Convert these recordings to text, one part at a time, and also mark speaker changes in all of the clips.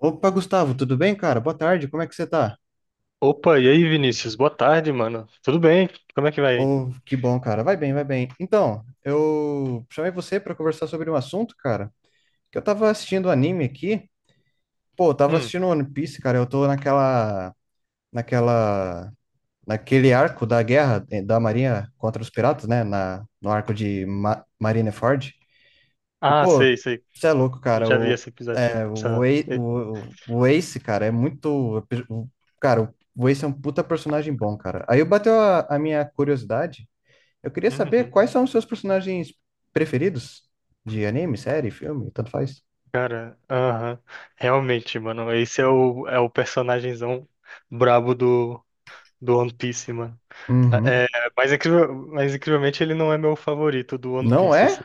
Speaker 1: Opa, Gustavo, tudo bem, cara? Boa tarde, como é que você tá?
Speaker 2: Opa, e aí, Vinícius? Boa tarde, mano. Tudo bem? Como é que vai? Aí?
Speaker 1: Oh, que bom, cara. Vai bem, vai bem. Então, eu chamei você para conversar sobre um assunto, cara, que eu tava assistindo um anime aqui. Pô, eu tava
Speaker 2: Hum.
Speaker 1: assistindo One Piece, cara. Eu tô naquela, naquele arco da guerra da Marinha contra os piratas, né? No arco de Ma Marineford. E,
Speaker 2: Ah,
Speaker 1: pô,
Speaker 2: sei, sei.
Speaker 1: você é louco,
Speaker 2: Eu
Speaker 1: cara.
Speaker 2: já vi esse episódio já.
Speaker 1: O, Ace-
Speaker 2: É,
Speaker 1: o, o Ace, cara, é muito. o- Cara, o Ace é um puta personagem bom, cara. Aí bateu a minha curiosidade. Eu queria saber
Speaker 2: uhum.
Speaker 1: quais são os seus personagens preferidos de anime, série, filme, tanto faz.
Speaker 2: Cara, aham. Realmente, mano. É o personagemzão brabo do One Piece, mano.
Speaker 1: Uhum.
Speaker 2: É, mas, incrível, mas incrivelmente ele não é meu favorito do One
Speaker 1: Não
Speaker 2: Piece,
Speaker 1: é?
Speaker 2: assim.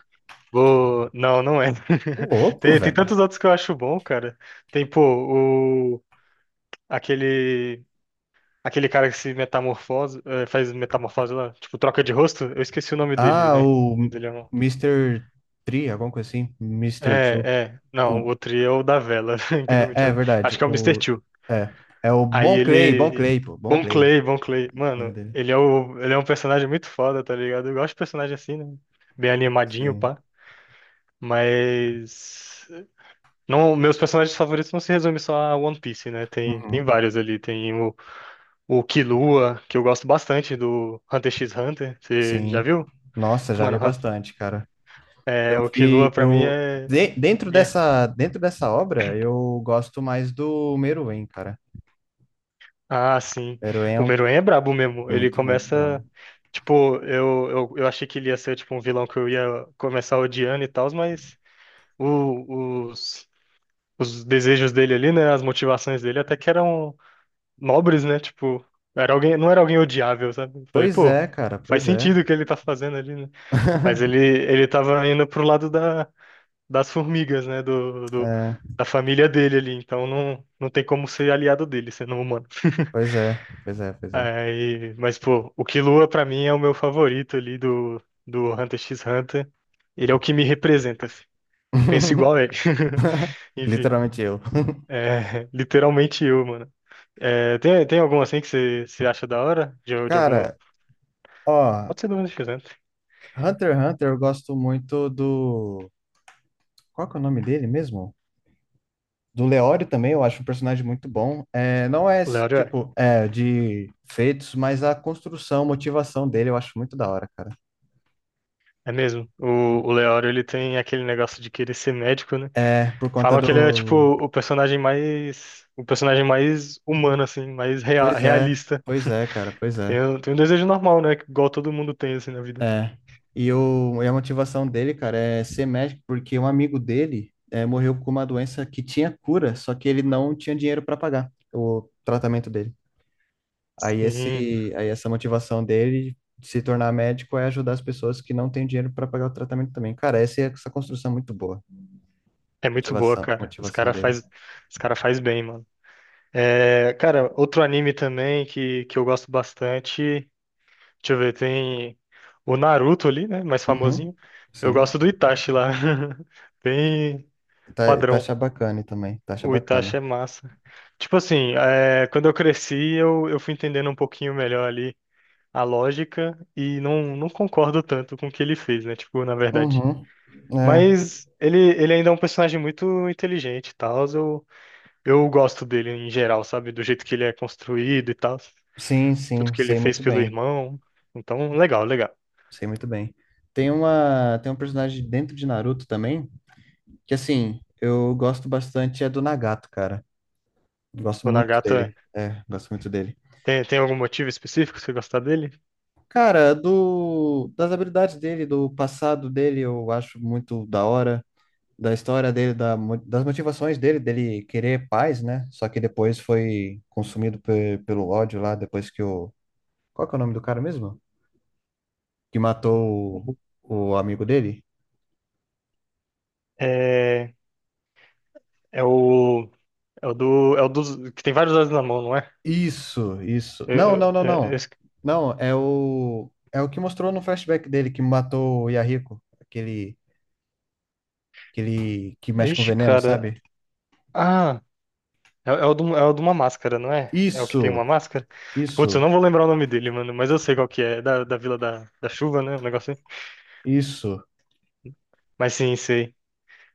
Speaker 2: Vou... Não, não é.
Speaker 1: Ô, louco,
Speaker 2: Tem, tem
Speaker 1: velho.
Speaker 2: tantos outros que eu acho bom, cara. Tem, pô, o... aquele. Aquele cara que se metamorfose, faz metamorfose lá, tipo, troca de rosto? Eu esqueci o nome dele,
Speaker 1: Ah,
Speaker 2: né?
Speaker 1: o
Speaker 2: Mas ele é
Speaker 1: Mister Tree, alguma coisa assim. Mister
Speaker 2: É,
Speaker 1: Two.
Speaker 2: é. Não, o
Speaker 1: O,
Speaker 2: outro é o da vela, incrivelmente.
Speaker 1: é, é
Speaker 2: Acho
Speaker 1: verdade.
Speaker 2: que é o Mister
Speaker 1: O,
Speaker 2: Two.
Speaker 1: é, é o
Speaker 2: Aí
Speaker 1: Bon Clay, Bon
Speaker 2: ele.
Speaker 1: Clay, pô. Bon
Speaker 2: Bon
Speaker 1: Clay, o
Speaker 2: Clay, Bon Clay.
Speaker 1: nome
Speaker 2: Mano,
Speaker 1: dele.
Speaker 2: ele é, o... ele é um personagem muito foda, tá ligado? Eu gosto de personagem assim, né? Bem animadinho,
Speaker 1: Sim.
Speaker 2: pá. Mas. Não, meus personagens favoritos não se resumem só a One Piece, né? Tem, tem
Speaker 1: Uhum.
Speaker 2: vários ali. O Killua, que eu gosto bastante, do Hunter x Hunter. Você já
Speaker 1: Sim.
Speaker 2: viu?
Speaker 1: Nossa, já vi
Speaker 2: Mano,
Speaker 1: bastante, cara. Eu
Speaker 2: é, o Killua
Speaker 1: vi,
Speaker 2: pra mim
Speaker 1: eu
Speaker 2: é...
Speaker 1: de- Dentro
Speaker 2: é-
Speaker 1: dessa obra, eu gosto mais do Meruem, cara.
Speaker 2: Ah, sim.
Speaker 1: Meruem é,
Speaker 2: O
Speaker 1: um-
Speaker 2: Meruem é brabo mesmo.
Speaker 1: é
Speaker 2: Ele
Speaker 1: muito bravo.
Speaker 2: começa. Tipo, eu achei que ele ia ser tipo um vilão que eu ia começar odiando e tal, mas o- os, os desejos dele ali, né? As motivações dele até que eram nobres, né? Tipo, era alguém, não era alguém odiável, sabe? Falei,
Speaker 1: Pois
Speaker 2: pô,
Speaker 1: é, cara,
Speaker 2: faz
Speaker 1: pois é.
Speaker 2: sentido o que ele tá fazendo ali, né? Mas ele, ele tava indo pro lado da. Das formigas, né?
Speaker 1: É,
Speaker 2: Da família dele ali. Então não, não tem como ser aliado dele, sendo um humano.
Speaker 1: pois é, pois é, pois é.
Speaker 2: Aí, mas, pô, o Killua pra mim é o meu favorito ali do Hunter x Hunter. Ele é o que me representa. Assim. Penso igual a ele. Enfim,
Speaker 1: Literalmente eu.
Speaker 2: é literalmente eu, mano. É, tem, tem algum assim que você acha da hora? De alguma.
Speaker 1: Cara, ó,
Speaker 2: Pode ser do Hunter x Hunter.
Speaker 1: Hunter x Hunter, eu gosto muito do... Qual que é o nome dele mesmo? Do Leório também, eu acho um personagem muito bom. É, não é
Speaker 2: O
Speaker 1: esse
Speaker 2: Leório é.
Speaker 1: tipo de feitos, mas a construção, motivação dele eu acho muito da hora, cara.
Speaker 2: É mesmo. O Leório ele tem aquele negócio de querer ser médico, né?
Speaker 1: É, por conta
Speaker 2: Falam que ele é tipo
Speaker 1: do.
Speaker 2: o personagem mais humano assim, mais
Speaker 1: Pois é,
Speaker 2: realista.
Speaker 1: pois é, cara, pois
Speaker 2: Tem,
Speaker 1: é.
Speaker 2: tem um desejo normal, né? Igual todo mundo tem assim na vida.
Speaker 1: É. E, o, e a motivação dele, cara, é ser médico, porque um amigo dele morreu com uma doença que tinha cura, só que ele não tinha dinheiro para pagar o tratamento dele. Aí
Speaker 2: Sim,
Speaker 1: esse, aí essa motivação dele de se tornar médico é ajudar as pessoas que não têm dinheiro para pagar o tratamento também. Cara, essa construção é muito boa.
Speaker 2: é muito boa,
Speaker 1: Motivação,
Speaker 2: cara.
Speaker 1: motivação dele.
Speaker 2: Os cara faz bem, mano. É, cara, outro anime também que eu gosto bastante. Deixa eu ver, tem o Naruto ali, né? Mais
Speaker 1: Uhum.
Speaker 2: famosinho. Eu
Speaker 1: Sim.
Speaker 2: gosto do Itachi lá. Bem
Speaker 1: Tá, tá
Speaker 2: padrão.
Speaker 1: achar bacana também. Tá achar
Speaker 2: O
Speaker 1: bacana.
Speaker 2: Itachi é massa. Tipo assim, é, quando eu cresci, eu fui entendendo um pouquinho melhor ali a lógica e não, não concordo tanto com o que ele fez, né? Tipo, na verdade.
Speaker 1: Uhum. É.
Speaker 2: Mas ele ainda é um personagem muito inteligente e tal. Eu gosto dele em geral, sabe? Do jeito que ele é construído e tal.
Speaker 1: Sim,
Speaker 2: Tudo
Speaker 1: sim,
Speaker 2: que ele
Speaker 1: sei
Speaker 2: fez
Speaker 1: muito
Speaker 2: pelo
Speaker 1: bem.
Speaker 2: irmão. Então, legal, legal.
Speaker 1: Sei muito bem. Tem um personagem dentro de Naruto também, que assim, eu gosto bastante é do Nagato, cara. Gosto
Speaker 2: O
Speaker 1: muito
Speaker 2: Nagata
Speaker 1: dele. É, gosto muito dele.
Speaker 2: tem, tem algum motivo específico pra você gostar dele?
Speaker 1: Cara, do, das habilidades dele, do passado dele, eu acho muito da hora. Da história dele, das motivações dele, dele querer paz, né? Só que depois foi consumido pelo ódio lá, depois que o... Qual que é o nome do cara mesmo? Que matou o amigo dele?
Speaker 2: É, é o. É o do. É o dos. Que tem vários dados na mão, não é?
Speaker 1: Isso, isso. Não,
Speaker 2: Eu,
Speaker 1: não,
Speaker 2: eu,
Speaker 1: não,
Speaker 2: é-
Speaker 1: não.
Speaker 2: esse-
Speaker 1: Não, é o... É o que mostrou no flashback dele que matou o Yahiko, aquele, aquele que mexe com
Speaker 2: ixi,
Speaker 1: veneno,
Speaker 2: cara.
Speaker 1: sabe?
Speaker 2: Ah, é, é o do, é o de uma máscara, não é? É o que tem
Speaker 1: Isso,
Speaker 2: uma máscara? Putz, eu
Speaker 1: isso.
Speaker 2: não vou lembrar o nome dele, mano, mas eu sei qual que é. É da Vila da Chuva, né? Um negócio assim.
Speaker 1: Isso.
Speaker 2: Mas sim, sei.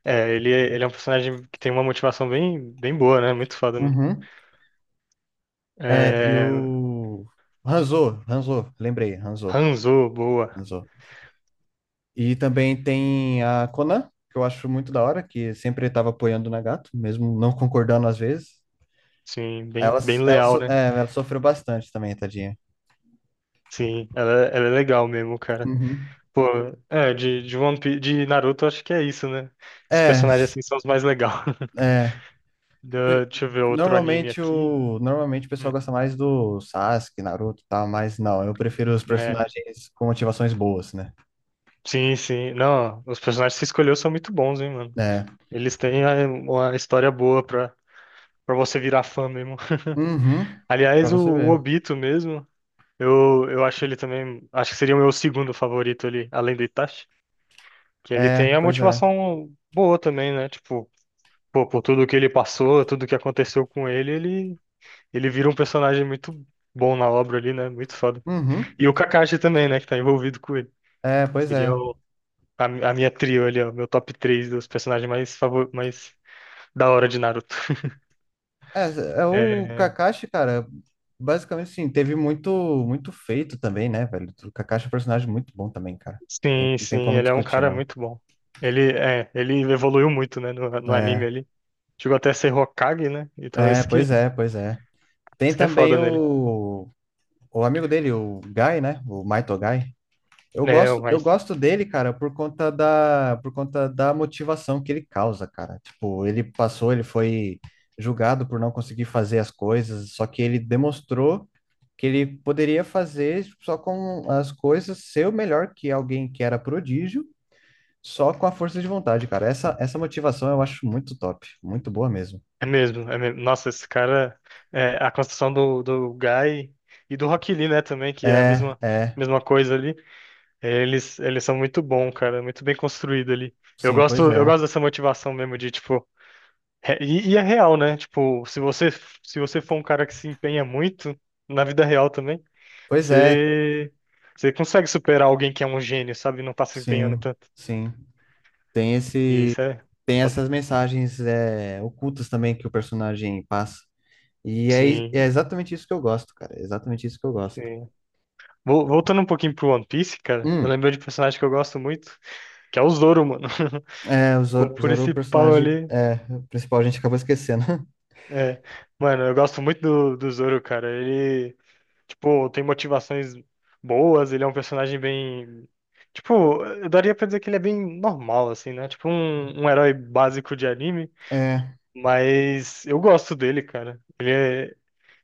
Speaker 2: É, ele, ele é um personagem que tem uma motivação bem, bem boa, né? Muito foda, mano.
Speaker 1: Uhum. É, e
Speaker 2: É,
Speaker 1: o Hanzo, Hanzo, lembrei, Hanzo,
Speaker 2: Hanzo, boa.
Speaker 1: Hanzo. E também tem a Conan, que eu acho muito da hora, que sempre estava apoiando o Nagato, mesmo não concordando às vezes.
Speaker 2: Sim, bem,
Speaker 1: Ela,
Speaker 2: bem leal, né?
Speaker 1: Ela sofreu bastante também, tadinha.
Speaker 2: Sim, ela é legal mesmo, cara.
Speaker 1: Uhum.
Speaker 2: Pô, é, de One Piece, de Naruto, acho que é isso, né? Os
Speaker 1: É,
Speaker 2: personagens
Speaker 1: s-
Speaker 2: assim são os mais legais.
Speaker 1: É.
Speaker 2: Deixa eu ver outro anime
Speaker 1: Normalmente
Speaker 2: aqui.
Speaker 1: o, normalmente o pessoal
Speaker 2: Hum,
Speaker 1: gosta mais do Sasuke, Naruto e tal, mas não, eu prefiro os
Speaker 2: né?
Speaker 1: personagens com motivações boas, né?
Speaker 2: Sim, sim. Não, os personagens que você escolheu são muito bons, hein, mano?
Speaker 1: É.
Speaker 2: Eles têm é, uma história boa pra, pra você virar fã mesmo.
Speaker 1: Uhum. Pra
Speaker 2: Aliás,
Speaker 1: você
Speaker 2: o
Speaker 1: ver.
Speaker 2: Obito mesmo, eu acho ele também. Acho que seria o meu segundo favorito ali, além do Itachi. Que ele
Speaker 1: É,
Speaker 2: tem a
Speaker 1: pois é.
Speaker 2: motivação boa também, né? Tipo, pô, por tudo que ele passou, tudo que aconteceu com ele, ele. Ele vira um personagem muito bom na obra ali, né? Muito foda.
Speaker 1: Uhum.
Speaker 2: E o Kakashi também, né? Que tá envolvido com ele.
Speaker 1: É, pois
Speaker 2: Seria
Speaker 1: é.
Speaker 2: a minha trio ali, ó. Meu top 3 dos personagens mais, favor, mais da hora de Naruto.
Speaker 1: É, é o
Speaker 2: É,
Speaker 1: Kakashi, cara, basicamente assim, teve muito muito feito também, né, velho? O Kakashi é um personagem muito bom também, cara. Tem,
Speaker 2: sim,
Speaker 1: não tem
Speaker 2: sim,
Speaker 1: como
Speaker 2: ele é um
Speaker 1: discutir,
Speaker 2: cara
Speaker 1: não.
Speaker 2: muito bom. Ele, é, ele evoluiu muito, né, no anime
Speaker 1: É,
Speaker 2: ali. Chegou até a ser Hokage, né? Então
Speaker 1: é, pois é, pois é. Tem
Speaker 2: isso que é
Speaker 1: também
Speaker 2: foda nele.
Speaker 1: o amigo dele, o Guy, né? O Maito Guy.
Speaker 2: É,
Speaker 1: Eu
Speaker 2: mas
Speaker 1: gosto dele, cara, por conta da motivação que ele causa, cara. Tipo, ele passou, ele foi julgado por não conseguir fazer as coisas, só que ele demonstrou que ele poderia fazer só com as coisas, ser o melhor que alguém que era prodígio, só com a força de vontade, cara. Essa motivação eu acho muito top, muito boa mesmo.
Speaker 2: é mesmo, é mesmo. Nossa, esse cara, é, a construção do Guy e do Rock Lee, né, também, que é a
Speaker 1: É, é,
Speaker 2: mesma coisa ali. Eles são muito bom, cara, muito bem construído ali.
Speaker 1: sim, pois
Speaker 2: Eu
Speaker 1: é.
Speaker 2: gosto dessa motivação mesmo de tipo, e é real, né? Tipo, se você for um cara que se empenha muito na vida real também,
Speaker 1: Pois é,
Speaker 2: você você consegue superar alguém que é um gênio, sabe? Não tá se empenhando
Speaker 1: sim,
Speaker 2: tanto.
Speaker 1: sim. Tem
Speaker 2: E
Speaker 1: esse,
Speaker 2: isso é
Speaker 1: tem essas mensagens ocultas também que o personagem passa. E é
Speaker 2: sim,
Speaker 1: exatamente isso que eu gosto, cara. É exatamente isso que eu gosto.
Speaker 2: sim. Voltando um pouquinho pro One Piece, cara, eu
Speaker 1: Hum,
Speaker 2: lembro de um personagem que eu gosto muito, que é o Zoro, mano.
Speaker 1: é, o
Speaker 2: O
Speaker 1: Zoro, Zoro, o
Speaker 2: principal
Speaker 1: personagem
Speaker 2: ali.
Speaker 1: é principal, a gente acabou esquecendo.
Speaker 2: É. Mano, eu gosto muito do Zoro, cara. Ele tipo, tem motivações boas, ele é um personagem bem. Tipo, eu daria pra dizer que ele é bem normal, assim, né? Tipo, um herói básico de anime.
Speaker 1: É,
Speaker 2: Mas eu gosto dele, cara.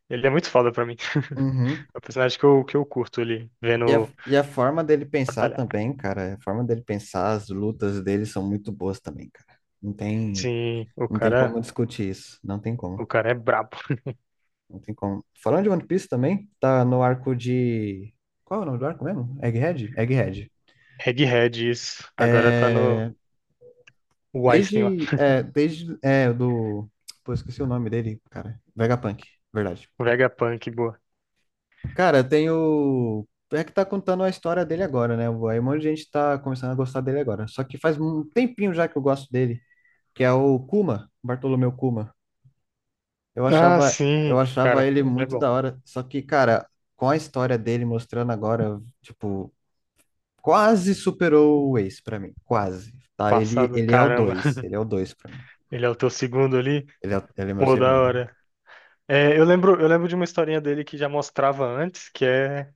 Speaker 2: Ele é muito foda pra mim.
Speaker 1: uhum.
Speaker 2: É o personagem que que eu curto ele
Speaker 1: E a,
Speaker 2: vendo
Speaker 1: e a forma dele pensar
Speaker 2: batalhar.
Speaker 1: também, cara. A forma dele pensar, as lutas dele são muito boas também, cara. Não tem,
Speaker 2: Sim,
Speaker 1: não tem como discutir isso. Não tem como.
Speaker 2: o cara é brabo.
Speaker 1: Não tem como. Falando de One Piece também, tá no arco de... Qual é o nome do arco mesmo? Egghead? Egghead.
Speaker 2: Egghead, isso. Agora tá no
Speaker 1: É,
Speaker 2: o Einstein lá.
Speaker 1: desde, pô, esqueci o nome dele, cara, Vegapunk, verdade.
Speaker 2: O Vegapunk, boa.
Speaker 1: Cara, tem o, é que tá contando a história dele agora, né, aí um monte de gente tá começando a gostar dele agora, só que faz um tempinho já que eu gosto dele, que é o Kuma, Bartolomeu Kuma, eu
Speaker 2: Ah,
Speaker 1: achava, eu
Speaker 2: sim,
Speaker 1: achava
Speaker 2: cara,
Speaker 1: ele
Speaker 2: ele é
Speaker 1: muito
Speaker 2: bom.
Speaker 1: da hora, só que, cara, com a história dele mostrando agora, tipo, quase superou o Ace pra mim, quase, tá, ele,
Speaker 2: Passado, caramba.
Speaker 1: ele é o dois pra mim,
Speaker 2: Ele é o teu segundo ali?
Speaker 1: ele é meu
Speaker 2: Pô, da
Speaker 1: segundo.
Speaker 2: hora. É, eu lembro de uma historinha dele que já mostrava antes, que é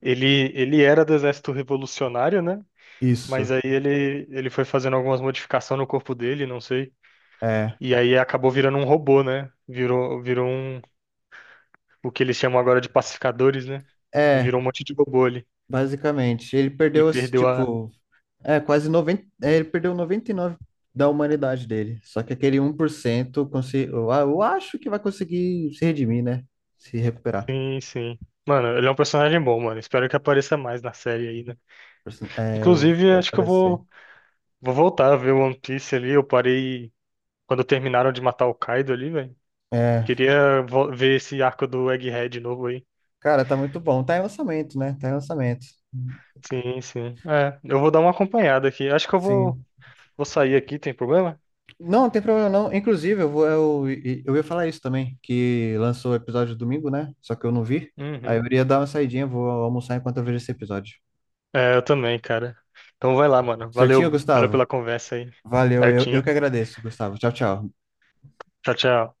Speaker 2: ele, ele era do exército revolucionário, né? Mas
Speaker 1: Isso.
Speaker 2: aí ele foi fazendo algumas modificações no corpo dele, não sei.
Speaker 1: É,
Speaker 2: E aí acabou virando um robô, né? Virou um, o que eles chamam agora de pacificadores, né? E
Speaker 1: é,
Speaker 2: virou um monte de robô ali.
Speaker 1: basicamente. Ele
Speaker 2: E
Speaker 1: perdeu, esse,
Speaker 2: perdeu a.
Speaker 1: tipo, ele perdeu 99% da humanidade dele. Só que aquele um 1% eu, eu acho que vai conseguir se redimir, né? Se recuperar.
Speaker 2: Sim, sim. Mano, ele é um personagem bom, mano. Espero que apareça mais na série aí, né?
Speaker 1: É,
Speaker 2: Inclusive,
Speaker 1: vai
Speaker 2: acho que
Speaker 1: aparecer.
Speaker 2: vou voltar a ver One Piece ali. Eu parei quando terminaram de matar o Kaido ali, velho.
Speaker 1: É,
Speaker 2: Queria ver esse arco do Egghead de novo aí.
Speaker 1: cara, tá muito bom. Tá em lançamento, né? Tá em lançamento.
Speaker 2: Sim, sim. É, eu vou dar uma acompanhada aqui. Acho que
Speaker 1: Sim.
Speaker 2: vou sair aqui, tem problema?
Speaker 1: Não, não tem problema não. Inclusive, eu ia falar isso também, que lançou o episódio domingo, né? Só que eu não vi. Aí
Speaker 2: Uhum.
Speaker 1: eu iria dar uma saidinha, vou almoçar enquanto eu vejo esse episódio.
Speaker 2: É, eu também, cara. Então vai lá, mano.
Speaker 1: Certinho,
Speaker 2: Valeu, valeu
Speaker 1: Gustavo?
Speaker 2: pela conversa aí.
Speaker 1: Valeu, eu
Speaker 2: Certinho.
Speaker 1: que agradeço, Gustavo. Tchau, tchau.
Speaker 2: Tchau, tchau.